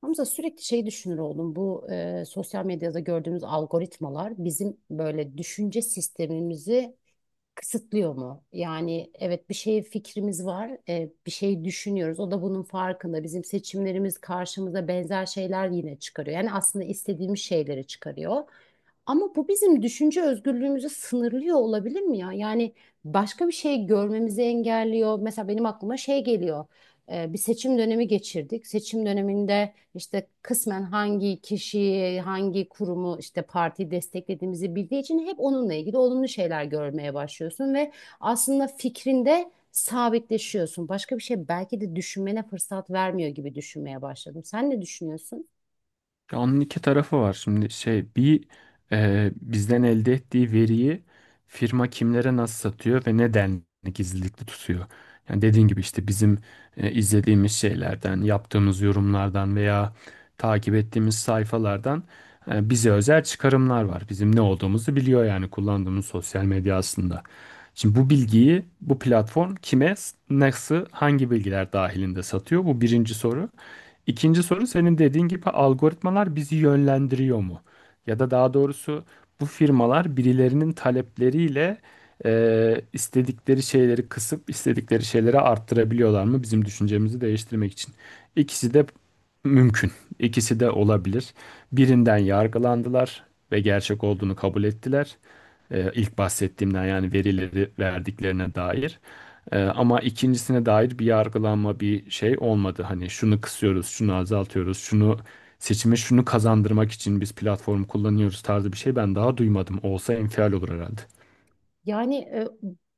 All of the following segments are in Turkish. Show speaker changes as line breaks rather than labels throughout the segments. Hamza sürekli şey düşünür oldum. Bu sosyal medyada gördüğümüz algoritmalar bizim böyle düşünce sistemimizi kısıtlıyor mu? Yani evet bir şey fikrimiz var, bir şey düşünüyoruz. O da bunun farkında. Bizim seçimlerimiz karşımıza benzer şeyler yine çıkarıyor. Yani aslında istediğimiz şeyleri çıkarıyor. Ama bu bizim düşünce özgürlüğümüzü sınırlıyor olabilir mi ya? Yani başka bir şey görmemizi engelliyor. Mesela benim aklıma şey geliyor. Bir seçim dönemi geçirdik. Seçim döneminde işte kısmen hangi kişiyi, hangi kurumu işte partiyi desteklediğimizi bildiği için hep onunla ilgili olumlu şeyler görmeye başlıyorsun ve aslında fikrinde sabitleşiyorsun. Başka bir şey belki de düşünmene fırsat vermiyor gibi düşünmeye başladım. Sen ne düşünüyorsun?
Ya onun iki tarafı var. Şimdi şey bir bizden elde ettiği veriyi firma kimlere nasıl satıyor ve neden gizlilikli tutuyor. Yani dediğin gibi işte bizim izlediğimiz şeylerden, yaptığımız yorumlardan veya takip ettiğimiz sayfalardan bize özel çıkarımlar var. Bizim ne olduğumuzu biliyor yani kullandığımız sosyal medya aslında. Şimdi bu bilgiyi bu platform kime, nasıl, hangi bilgiler dahilinde satıyor? Bu birinci soru. İkinci soru senin dediğin gibi algoritmalar bizi yönlendiriyor mu? Ya da daha doğrusu bu firmalar birilerinin talepleriyle istedikleri şeyleri kısıp istedikleri şeyleri arttırabiliyorlar mı bizim düşüncemizi değiştirmek için? İkisi de mümkün. İkisi de olabilir. Birinden yargılandılar ve gerçek olduğunu kabul ettiler. İlk bahsettiğimden yani verileri verdiklerine dair. Ama ikincisine dair bir yargılanma bir şey olmadı. Hani şunu kısıyoruz, şunu azaltıyoruz, şunu seçime şunu kazandırmak için biz platform kullanıyoruz tarzı bir şey ben daha duymadım. Olsa infial olur herhalde.
Yani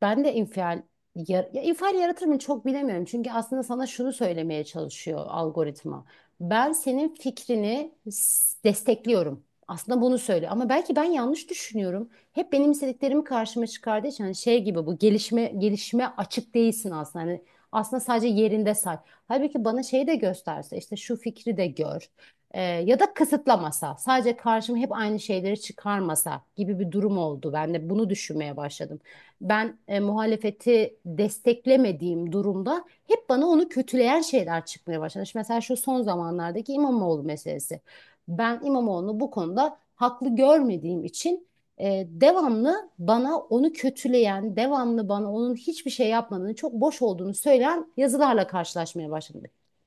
ben de infial ya infial yaratır mı çok bilemiyorum. Çünkü aslında sana şunu söylemeye çalışıyor algoritma. Ben senin fikrini destekliyorum. Aslında bunu söylüyor ama belki ben yanlış düşünüyorum. Hep benim istediklerimi karşıma çıkardığı için hani şey gibi bu gelişime açık değilsin aslında. Hani aslında sadece yerinde say. Halbuki bana şeyi de gösterse işte şu fikri de gör. Ya da kısıtlamasa, sadece karşıma hep aynı şeyleri çıkarmasa gibi bir durum oldu. Ben de bunu düşünmeye başladım. Ben muhalefeti desteklemediğim durumda hep bana onu kötüleyen şeyler çıkmaya başladı. İşte mesela şu son zamanlardaki İmamoğlu meselesi. Ben İmamoğlu'nu bu konuda haklı görmediğim için devamlı bana onu kötüleyen, devamlı bana onun hiçbir şey yapmadığını, çok boş olduğunu söyleyen yazılarla karşılaşmaya başladım.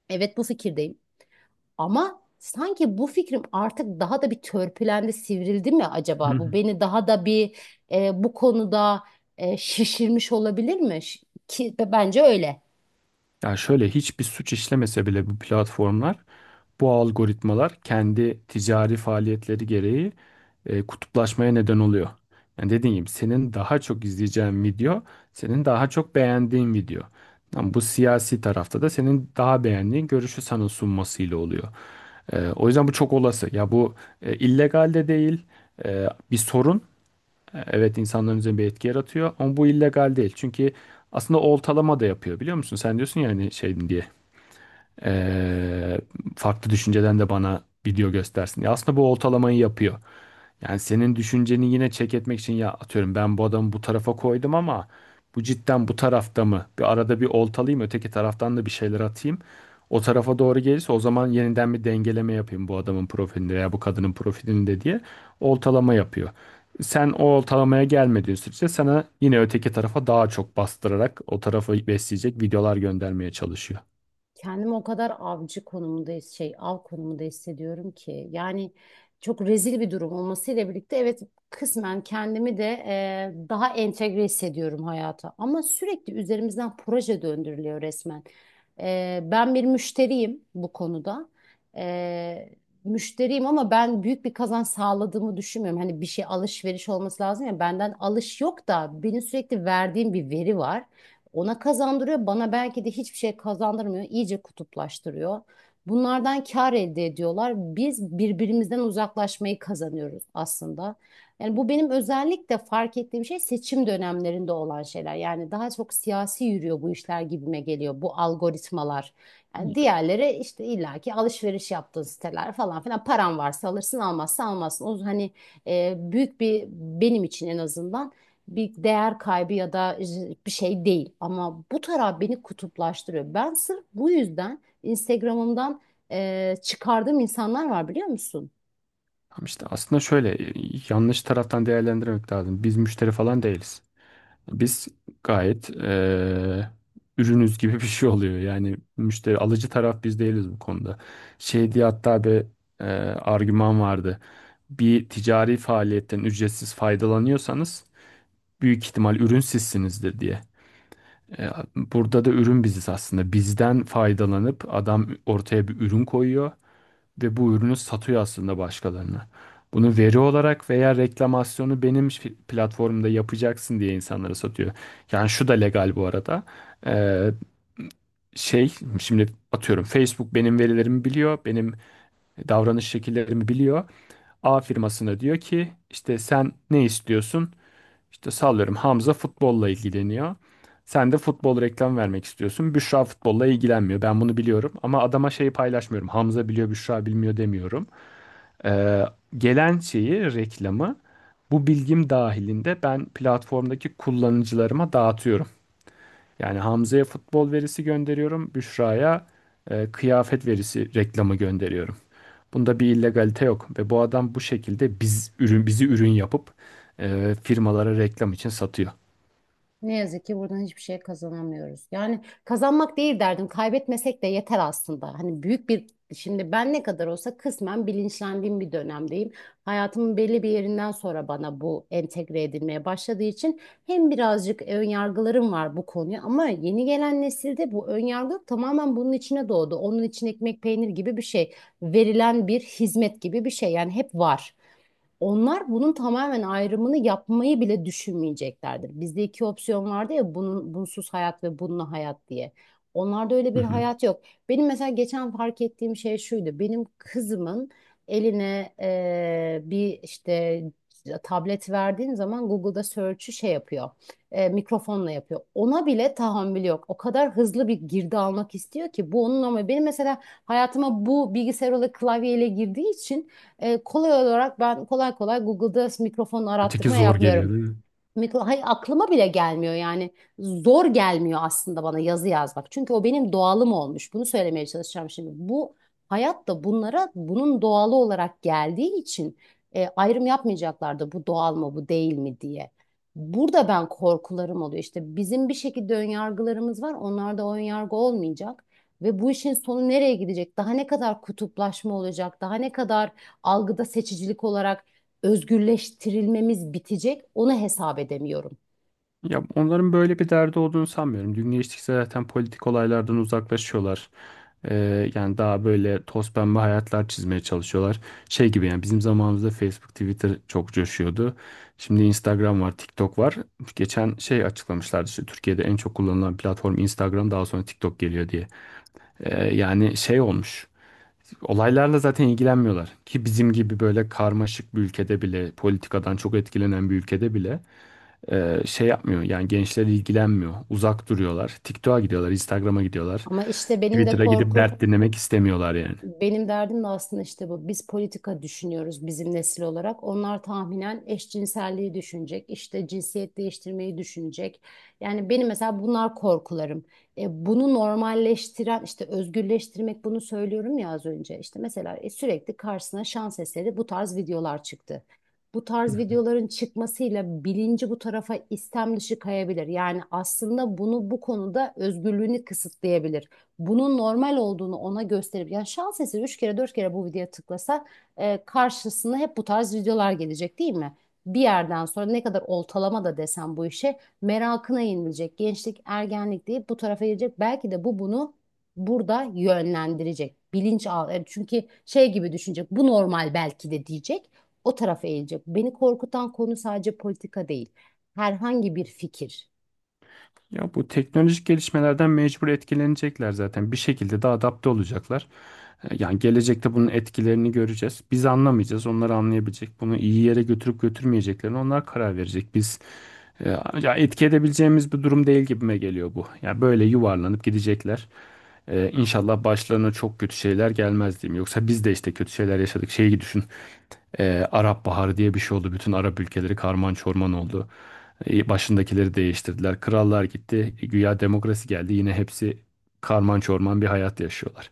Evet bu fikirdeyim. Ama sanki bu fikrim artık daha da bir törpülendi, sivrildi mi
Hı
acaba? Bu
hı.
beni daha da bir bu konuda şişirmiş olabilir mi? Ki bence öyle.
Yani şöyle hiçbir suç işlemese bile bu platformlar, bu algoritmalar kendi ticari faaliyetleri gereği kutuplaşmaya neden oluyor. Yani dediğim gibi senin daha çok izleyeceğin video, senin daha çok beğendiğin video. Ama bu siyasi tarafta da senin daha beğendiğin görüşü sana sunmasıyla oluyor. O yüzden bu çok olası. Ya bu illegal de değil, bir sorun. Evet, insanların üzerinde bir etki yaratıyor ama bu illegal değil. Çünkü aslında oltalama da yapıyor biliyor musun? Sen diyorsun ya hani şey diye e, farklı düşünceden de bana video göstersin. Ya aslında bu oltalamayı yapıyor. Yani senin düşünceni yine çek etmek için ya atıyorum ben bu adamı bu tarafa koydum ama bu cidden bu tarafta mı? Bir arada bir oltalayayım öteki taraftan da bir şeyler atayım. O tarafa doğru gelirse o zaman yeniden bir dengeleme yapayım bu adamın profilinde veya bu kadının profilinde diye oltalama yapıyor. Sen o ortalamaya gelmediğin sürece sana yine öteki tarafa daha çok bastırarak o tarafı besleyecek videolar göndermeye çalışıyor.
Kendimi o kadar avcı konumunda şey av konumunda hissediyorum ki yani çok rezil bir durum olmasıyla birlikte evet kısmen kendimi de daha entegre hissediyorum hayata ama sürekli üzerimizden proje döndürülüyor resmen. Ben bir müşteriyim bu konuda. E, Müşteriyim ama ben büyük bir kazanç sağladığımı düşünmüyorum. Hani bir şey alışveriş olması lazım ya benden alış yok da benim sürekli verdiğim bir veri var. Ona kazandırıyor, bana belki de hiçbir şey kazandırmıyor, iyice kutuplaştırıyor. Bunlardan kar elde ediyorlar. Biz birbirimizden uzaklaşmayı kazanıyoruz aslında. Yani bu benim özellikle fark ettiğim şey seçim dönemlerinde olan şeyler. Yani daha çok siyasi yürüyor bu işler gibime geliyor bu algoritmalar. Yani diğerleri işte illaki alışveriş yaptığın siteler falan filan paran varsa alırsın almazsa almazsın. O hani büyük bir benim için en azından bir değer kaybı ya da bir şey değil. Ama bu taraf beni kutuplaştırıyor. Ben sırf bu yüzden Instagram'ımdan çıkardığım insanlar var biliyor musun?
Ama işte aslında şöyle yanlış taraftan değerlendirmek lazım. Biz müşteri falan değiliz. Biz gayet ürünüz gibi bir şey oluyor. Yani müşteri alıcı taraf biz değiliz bu konuda. Şey diye hatta bir eee, argüman vardı. Bir ticari faaliyetten ücretsiz faydalanıyorsanız büyük ihtimal ürün sizsinizdir diye. E, Burada da ürün biziz aslında. Bizden faydalanıp adam ortaya bir ürün koyuyor ve bu ürünü satıyor aslında başkalarına. Bunu veri olarak veya reklamasyonu benim platformumda yapacaksın diye insanlara satıyor. Yani şu da legal bu arada. Ee, şey Şimdi atıyorum Facebook benim verilerimi biliyor, benim davranış şekillerimi biliyor. A firmasına diyor ki işte sen ne istiyorsun? İşte sallıyorum Hamza futbolla ilgileniyor. Sen de futbol reklam vermek istiyorsun. Büşra futbolla ilgilenmiyor. Ben bunu biliyorum ama adama şeyi paylaşmıyorum. Hamza biliyor, Büşra bilmiyor demiyorum. Ee, Gelen şeyi, reklamı bu bilgim dahilinde ben platformdaki kullanıcılarıma dağıtıyorum. Yani Hamza'ya futbol verisi gönderiyorum, Büşra'ya kıyafet verisi reklamı gönderiyorum. Bunda bir illegalite yok ve bu adam bu şekilde bizi ürün yapıp firmalara reklam için satıyor.
Ne yazık ki buradan hiçbir şey kazanamıyoruz. Yani kazanmak değil derdim, kaybetmesek de yeter aslında. Hani büyük bir, şimdi ben ne kadar olsa kısmen bilinçlendiğim bir dönemdeyim. Hayatımın belli bir yerinden sonra bana bu entegre edilmeye başladığı için hem birazcık ön yargılarım var bu konuya ama yeni gelen nesilde bu ön yargı yok. Tamamen bunun içine doğdu. Onun için ekmek peynir gibi bir şey, verilen bir hizmet gibi bir şey yani hep var. Onlar bunun tamamen ayrımını yapmayı bile düşünmeyeceklerdir. Bizde iki opsiyon vardı ya bunun bunsuz hayat ve bununla hayat diye. Onlarda öyle
Hı
bir
hı.
hayat yok. Benim mesela geçen fark ettiğim şey şuydu. Benim kızımın eline bir işte tablet verdiğim zaman Google'da search'ü şey yapıyor. Mikrofonla yapıyor. Ona bile tahammül yok. O kadar hızlı bir girdi almak istiyor ki bu onun ama benim mesela hayatıma bu bilgisayar olarak klavyeyle girdiği için kolay olarak ben kolay kolay Google'da mikrofon
Öteki
arattırma
zor geliyor
yapmıyorum.
değil mi?
Hayır, aklıma bile gelmiyor yani zor gelmiyor aslında bana yazı yazmak. Çünkü o benim doğalım olmuş. Bunu söylemeye çalışacağım şimdi. Bu hayat da bunlara bunun doğalı olarak geldiği için ayrım yapmayacaklar da bu doğal mı bu değil mi diye. Burada ben korkularım oluyor. İşte bizim bir şekilde önyargılarımız var. Onlarda o önyargı olmayacak. Ve bu işin sonu nereye gidecek? Daha ne kadar kutuplaşma olacak? Daha ne kadar algıda seçicilik olarak özgürleştirilmemiz bitecek onu hesap edemiyorum.
Ya onların böyle bir derdi olduğunu sanmıyorum. Gün geçtikçe zaten politik olaylardan uzaklaşıyorlar. Yani daha böyle toz pembe hayatlar çizmeye çalışıyorlar. Şey gibi yani bizim zamanımızda Facebook, Twitter çok coşuyordu. Şimdi Instagram var, TikTok var. Geçen şey açıklamışlardı işte Türkiye'de en çok kullanılan platform Instagram, daha sonra TikTok geliyor diye. Yani şey olmuş. Olaylarla zaten ilgilenmiyorlar. Ki bizim gibi böyle karmaşık bir ülkede bile, politikadan çok etkilenen bir ülkede bile şey yapmıyor yani gençler ilgilenmiyor. Uzak duruyorlar. TikTok'a gidiyorlar, Instagram'a gidiyorlar.
Ama işte benim de
Twitter'a gidip
korkum
dert dinlemek istemiyorlar yani.
benim derdim de aslında işte bu. Biz politika düşünüyoruz bizim nesil olarak. Onlar tahminen eşcinselliği düşünecek, işte cinsiyet değiştirmeyi düşünecek. Yani benim mesela bunlar korkularım. Bunu normalleştiren, işte özgürleştirmek bunu söylüyorum ya az önce. İşte mesela sürekli karşısına şans eseri bu tarz videolar çıktı. Bu
Hı.
tarz videoların çıkmasıyla bilinci bu tarafa istem dışı kayabilir. Yani aslında bunu bu konuda özgürlüğünü kısıtlayabilir bunun normal olduğunu ona gösterip yani şans eseri 3 kere 4 kere bu videoya tıklasa karşısına hep bu tarz videolar gelecek değil mi? Bir yerden sonra ne kadar oltalama da desem bu işe merakına yenilecek. Gençlik, ergenlik deyip bu tarafa gelecek. Belki de bu bunu burada yönlendirecek. Bilinç al. Yani çünkü şey gibi düşünecek. Bu normal belki de diyecek. O tarafa eğilecek. Beni korkutan konu sadece politika değil. Herhangi bir fikir.
Ya bu teknolojik gelişmelerden mecbur etkilenecekler zaten. Bir şekilde de adapte olacaklar. Yani gelecekte bunun etkilerini göreceğiz. Biz anlamayacağız, onlar anlayabilecek. Bunu iyi yere götürüp götürmeyeceklerini onlar karar verecek. E, Ya etki edebileceğimiz bir durum değil gibime geliyor bu. Ya böyle yuvarlanıp gidecekler. İnşallah başlarına çok kötü şeyler gelmez diyeyim. Yoksa biz de işte kötü şeyler yaşadık. Şeyi düşün. Arap Baharı diye bir şey oldu. Bütün Arap ülkeleri karman çorman oldu. Başındakileri değiştirdiler. Krallar gitti. Güya demokrasi geldi. Yine hepsi karman çorman bir hayat yaşıyorlar.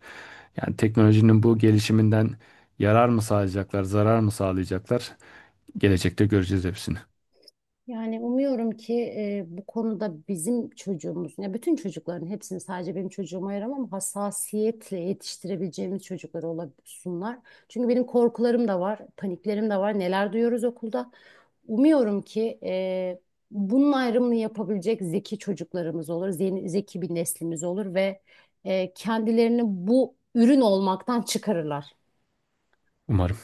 Yani teknolojinin bu gelişiminden yarar mı sağlayacaklar, zarar mı sağlayacaklar? Gelecekte göreceğiz hepsini.
Yani umuyorum ki bu konuda bizim çocuğumuz, ya bütün çocukların hepsini sadece benim çocuğuma ayıramam hassasiyetle yetiştirebileceğimiz çocuklar olsunlar. Çünkü benim korkularım da var, paniklerim de var. Neler duyuyoruz okulda. Umuyorum ki bunun ayrımını yapabilecek zeki çocuklarımız olur, zeki, zeki bir neslimiz olur ve kendilerini bu ürün olmaktan çıkarırlar.
Umarım.